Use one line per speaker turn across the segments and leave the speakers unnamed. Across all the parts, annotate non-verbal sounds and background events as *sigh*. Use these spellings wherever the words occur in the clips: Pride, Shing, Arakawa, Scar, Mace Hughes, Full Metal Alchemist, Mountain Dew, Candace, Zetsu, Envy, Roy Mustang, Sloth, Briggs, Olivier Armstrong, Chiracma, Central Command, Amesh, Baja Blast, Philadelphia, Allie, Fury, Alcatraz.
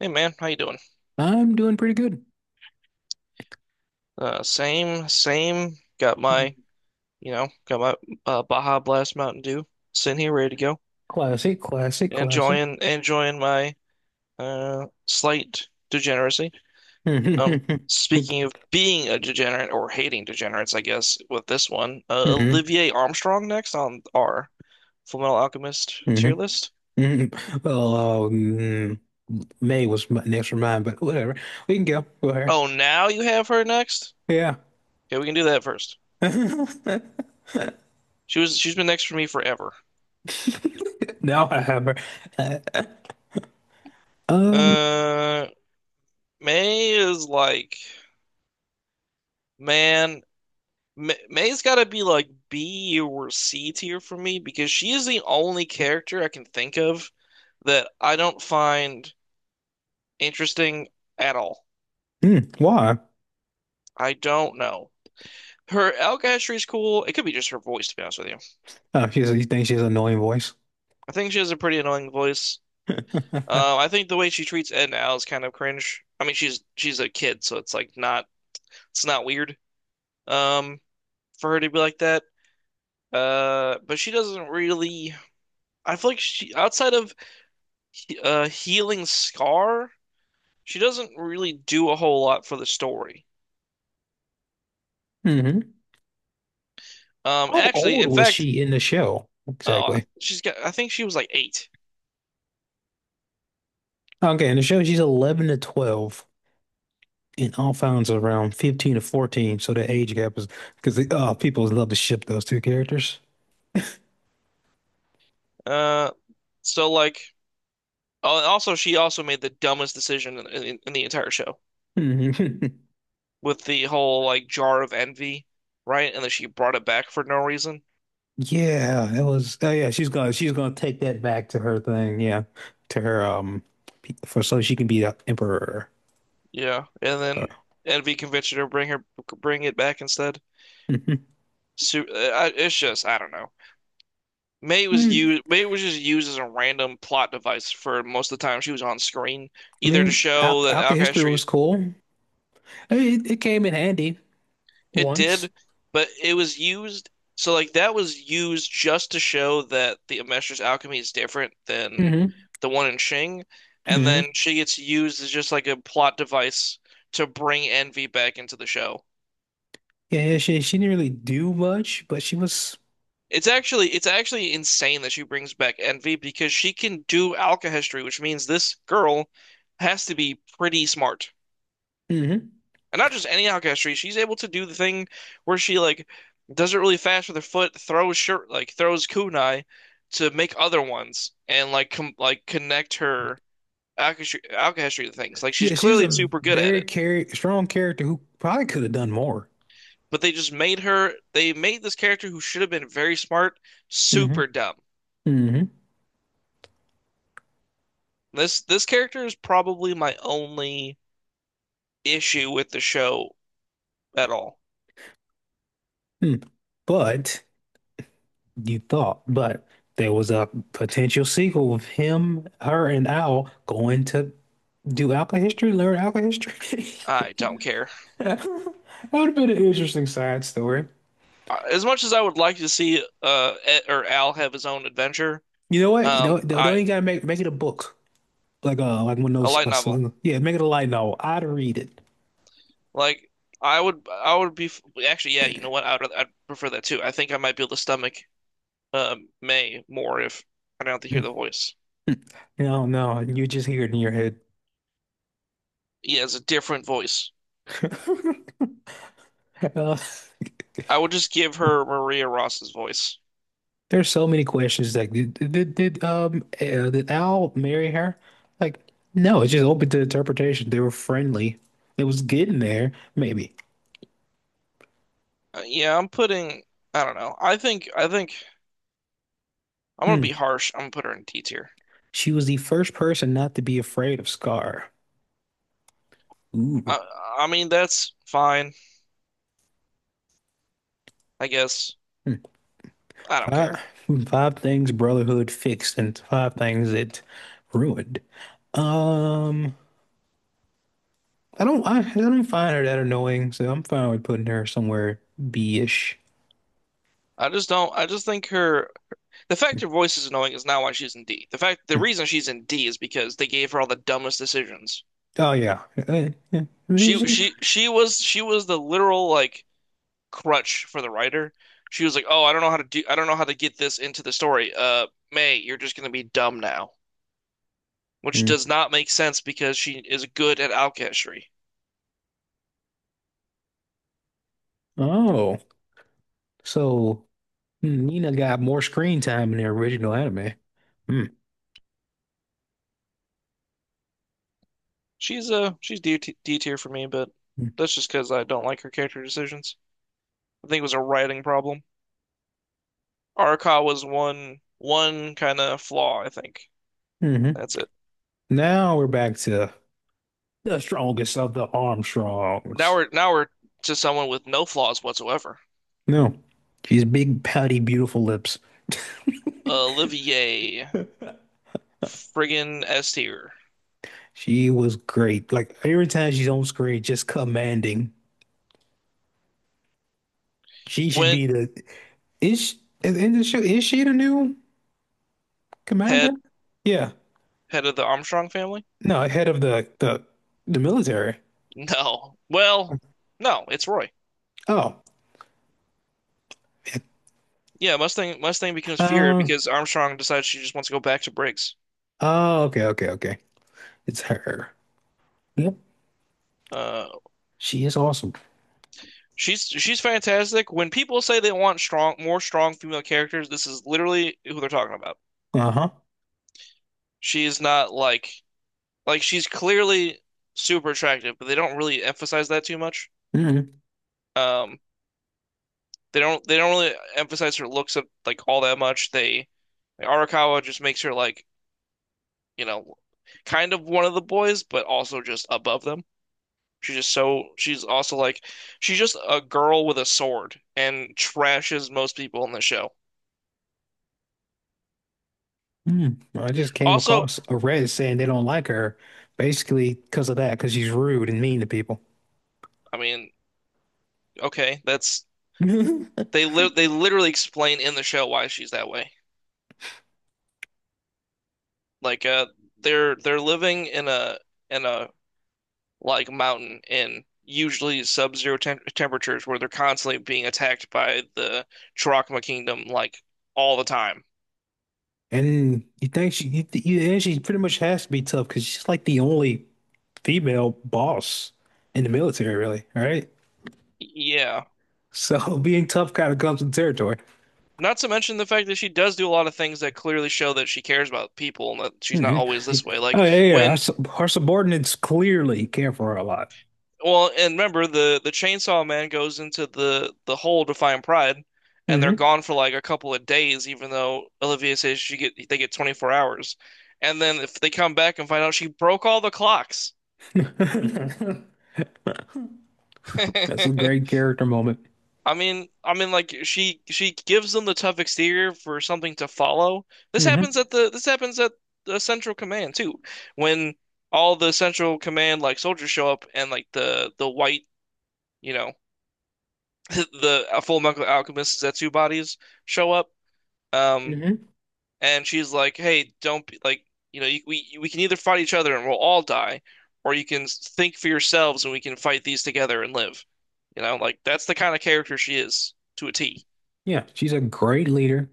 Hey man, how you doing?
I'm doing pretty good.
Same. Got my, got my Baja Blast Mountain Dew sitting here ready to go.
Classic, classic, classic.
Enjoying my slight degeneracy. Um,
*laughs*
speaking of being a degenerate or hating degenerates, I guess with this one,
Mm-hmm,
Olivier Armstrong next on our Full Metal Alchemist tier
mm-hmm,
list.
mm-hmm. Well, May was my next for mine, but whatever. We can go with her.
Oh, now you have her next?
Yeah.
Okay, we can do that first.
*laughs*
She's been next for me forever.
Now I have her. Uh, um,
Uh, May is like. Man, May's got to be like B or C tier for me because she is the only character I can think of that I don't find interesting at all.
mm, why?
I don't know. Her Alcatraz is cool. It could be just her voice, to be honest with you.
Oh, she's, you think she has an annoying voice?
I think she has a pretty annoying voice.
*laughs* Hmm.
I think the way she treats Ed and Al is kind of cringe. I mean, she's a kid, so it's not it's not weird um for her to be like that. But she doesn't really. I feel like she outside of healing Scar. She doesn't really do a whole lot for the story. Um,
How
actually,
old
in
was
fact,
she in the show?
oh,
Exactly.
she's got. I think she was like eight.
Okay, in the show, she's 11 to 12, and Alphonse is around 15 to 14, so the age gap is because people love to ship those two characters.
Uh, so like, oh, and also she also made the dumbest decision in the entire show
*laughs*
with the whole like jar of envy, right? And then she brought it back for no reason.
Yeah, it was. Oh yeah, she's gonna take that back to her thing. Yeah, to her for so she can be the emperor. *laughs*
Yeah, and
Uh,
then envy convinced her to bring it back instead.
mhm.
So, uh, it's just I don't know. May was
Hmm.
used. May was just used as a random plot device for most of the time she was on screen,
I
either to
mean, Al
show that
Alka history
Alcatraz
was cool. I mean, it came in handy
it
once.
did, but it was used. So like that was used just to show that the Amesh's alchemy is different than
Hmm.
the one in Shing, and
Hmm.
then she gets used as just like a plot device to bring Envy back into the show.
Yeah, she didn't really do much, but she was.
It's actually insane that she brings back Envy because she can do alchemy, which means this girl has to be pretty smart.
Hmm.
And not just any outcastry, she's able to do the thing where she does it really fast with her foot, throws shirt throws kunai to make other ones and like com like connect her outcastry to things. Like she's
Yeah, she's
clearly
a
super good at
very
it.
char strong character who probably could have done more.
But they just made her they made this character who should have been very smart
Hmm.
super dumb.
Hmm.
This character is probably my only issue with the show at all.
Hmm. But you thought, but there was a potential sequel of him, her, and Al going to do alcohol history, learn alcohol history. *laughs*
I don't care.
That would have been an interesting side story.
As much as I would like to see Ed, or Al have his own adventure,
You know what? You know, they don't
I
even gotta make it a book, like one of
a
those.
light novel.
Yeah, make it a light novel. I'd read it.
Like I would be actually, yeah. You know what? I'd rather- I'd prefer that too. I might be able to stomach May more if I don't have to hear
Mm.
the voice.
No, no, you just hear it in your head.
Yeah, it's a different voice.
*laughs* Uh,
I would just give her Maria Ross's voice.
there's so many questions. Like, did Al marry her? Like, no, it's just open to interpretation. They were friendly. It was getting there, maybe.
Yeah, I'm putting. I don't know. I think I'm gonna be
Hmm.
harsh. I'm gonna put her in D tier.
She was the first person not to be afraid of Scar. Ooh.
I I mean that's fine. I guess
Hmm.
I don't care.
Five five things Brotherhood fixed and five things it ruined. Um, I don't find her that annoying, so I'm fine with putting her somewhere B-ish.
I just don't. I just think her The fact her voice is annoying is not why she's in D. The fact the reason she's in D is because they gave her all the dumbest decisions.
Oh yeah. Yeah. B-ish?
She was the literal like crutch for the writer. She was like, "Oh, I don't know how to do I don't know how to get this into the story. May, you're just gonna be dumb now." Which
Hmm.
does not make sense because she is good at alchemy.
Oh. So Nina got more screen time in the original anime. Hmm.
She's D tier for me, but that's just because I don't like her character decisions. I think it was a writing problem. Arca was one kind of flaw, I think.
Hmm.
That's it.
Now we're back to the strongest of the Armstrongs.
Now we're to someone with no flaws whatsoever.
No, she's big, pouty, beautiful lips. *laughs*
Olivier, friggin' S tier.
She was great. Like every time she's on screen, just commanding. She should
Went
be the is at in the show. Is she the new commander?
head
Yeah.
head of the Armstrong family?
No, head of the the military.
No. Well, no, it's Roy.
Oh, yeah.
Yeah, Mustang becomes Fury
Um.
because Armstrong decides she just wants to go back to Briggs.
Oh, okay, okay, okay. It's her. Yep,
Uh,
she is awesome.
she's fantastic. When people say they want strong female characters, this is literally who they're talking about.
Uh-huh.
She is not like she's clearly super attractive, but they don't really emphasize that too much.
Mm.
Um, They don't really emphasize her looks of like all that much. They like, Arakawa just makes her like, you know, kind of one of the boys, but also just above them. She's just so she's also like she's just a girl with a sword and trashes most people in the show.
Mm. I just came
Also,
across a Reddit saying they don't like her, basically because of that, because she's rude and mean to people.
I mean, okay, that's
*laughs*
they literally explain in the show why she's that way. Like they're living in a in a like mountain in usually sub-zero temperatures where they're constantly being attacked by the Chiracma Kingdom like all the time.
And you think she, you, and she pretty much has to be tough because she's like the only female boss in the military, really. All right.
Yeah.
So *laughs* being tough kind of comes with territory.
Not to mention the fact that she does do a lot of things that clearly show that she cares about people and that she's not
Hmm.
always this way.
Oh
Like
yeah, yeah.
when,
Her subordinates clearly care for her a lot.
well, and remember the chainsaw man goes into the hole to find Pride, and they're
Hmm.
gone for like a couple of days, even though Olivia says she get they get 24 hours. And then if they come back and find out she broke all the clocks.
*laughs* That's a great
*laughs*
character moment.
I mean, like she gives them the tough exterior for something to follow.
Hmm.
This happens at the Central Command too, when all the Central Command like soldiers show up and like the white you know *laughs* the Full Metal Alchemist Zetsu bodies show up. Um,
Hmm.
and she's like, "Hey, don't be like you, we can either fight each other and we'll all die, or you can think for yourselves and we can fight these together and live." You know, like that's the kind of character she is to a T.
Yeah, she's a great leader,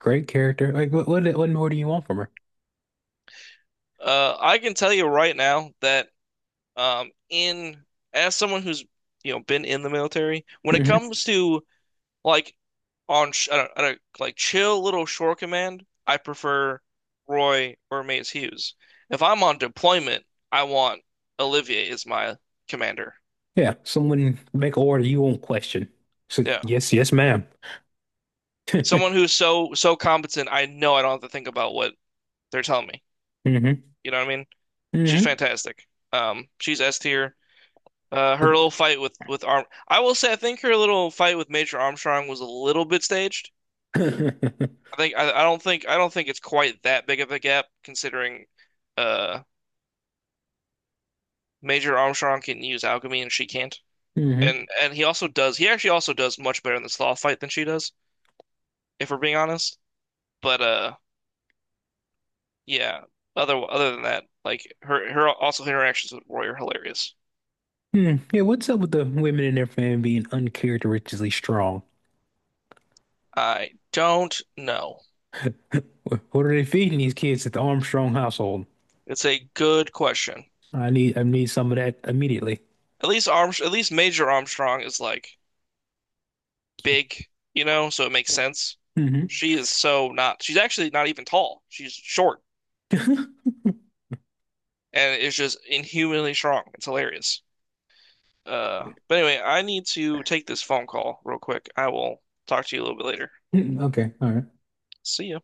great character. Like, what more do you want from her?
I can tell you right now that in as someone who's been in the military, when it
Hmm.
comes to like on sh I don't, like chill little shore command, I prefer Roy or Mace Hughes. If I'm on deployment, I want Olivier as my commander.
Yeah, someone make order you won't question. So,
Yeah,
yes, yes, madam.
someone
*laughs*
who's so competent, I know I don't have to think about what they're telling me.
Mm-hmm.
You know what I mean? She's
Mm-hmm.
fantastic. She's S tier. Her little fight with Arm, I will say, I think her little fight with Major Armstrong was a little bit staged.
*coughs* *laughs*
I don't think it's quite that big of a gap considering uh Major Armstrong can use alchemy and she can't.
Hmm.
And he also does. He actually also does much better in the Sloth fight than she does, if we're being honest. But yeah. Other than that, like her also her interactions with Roy are hilarious.
Hmm. Yeah, what's up with the women in their family being uncharacteristically strong?
I don't know.
What are they feeding these kids at the Armstrong household?
It's a good question.
I need some of that immediately.
At least Major Armstrong is like big, you know, so it makes sense.
Hmm.
She is so not, she's actually not even tall. She's short
*laughs*
and is just inhumanly strong. It's hilarious. But anyway, I need to take this phone call real quick. I will talk to you a little bit later.
Okay, all right.
See ya.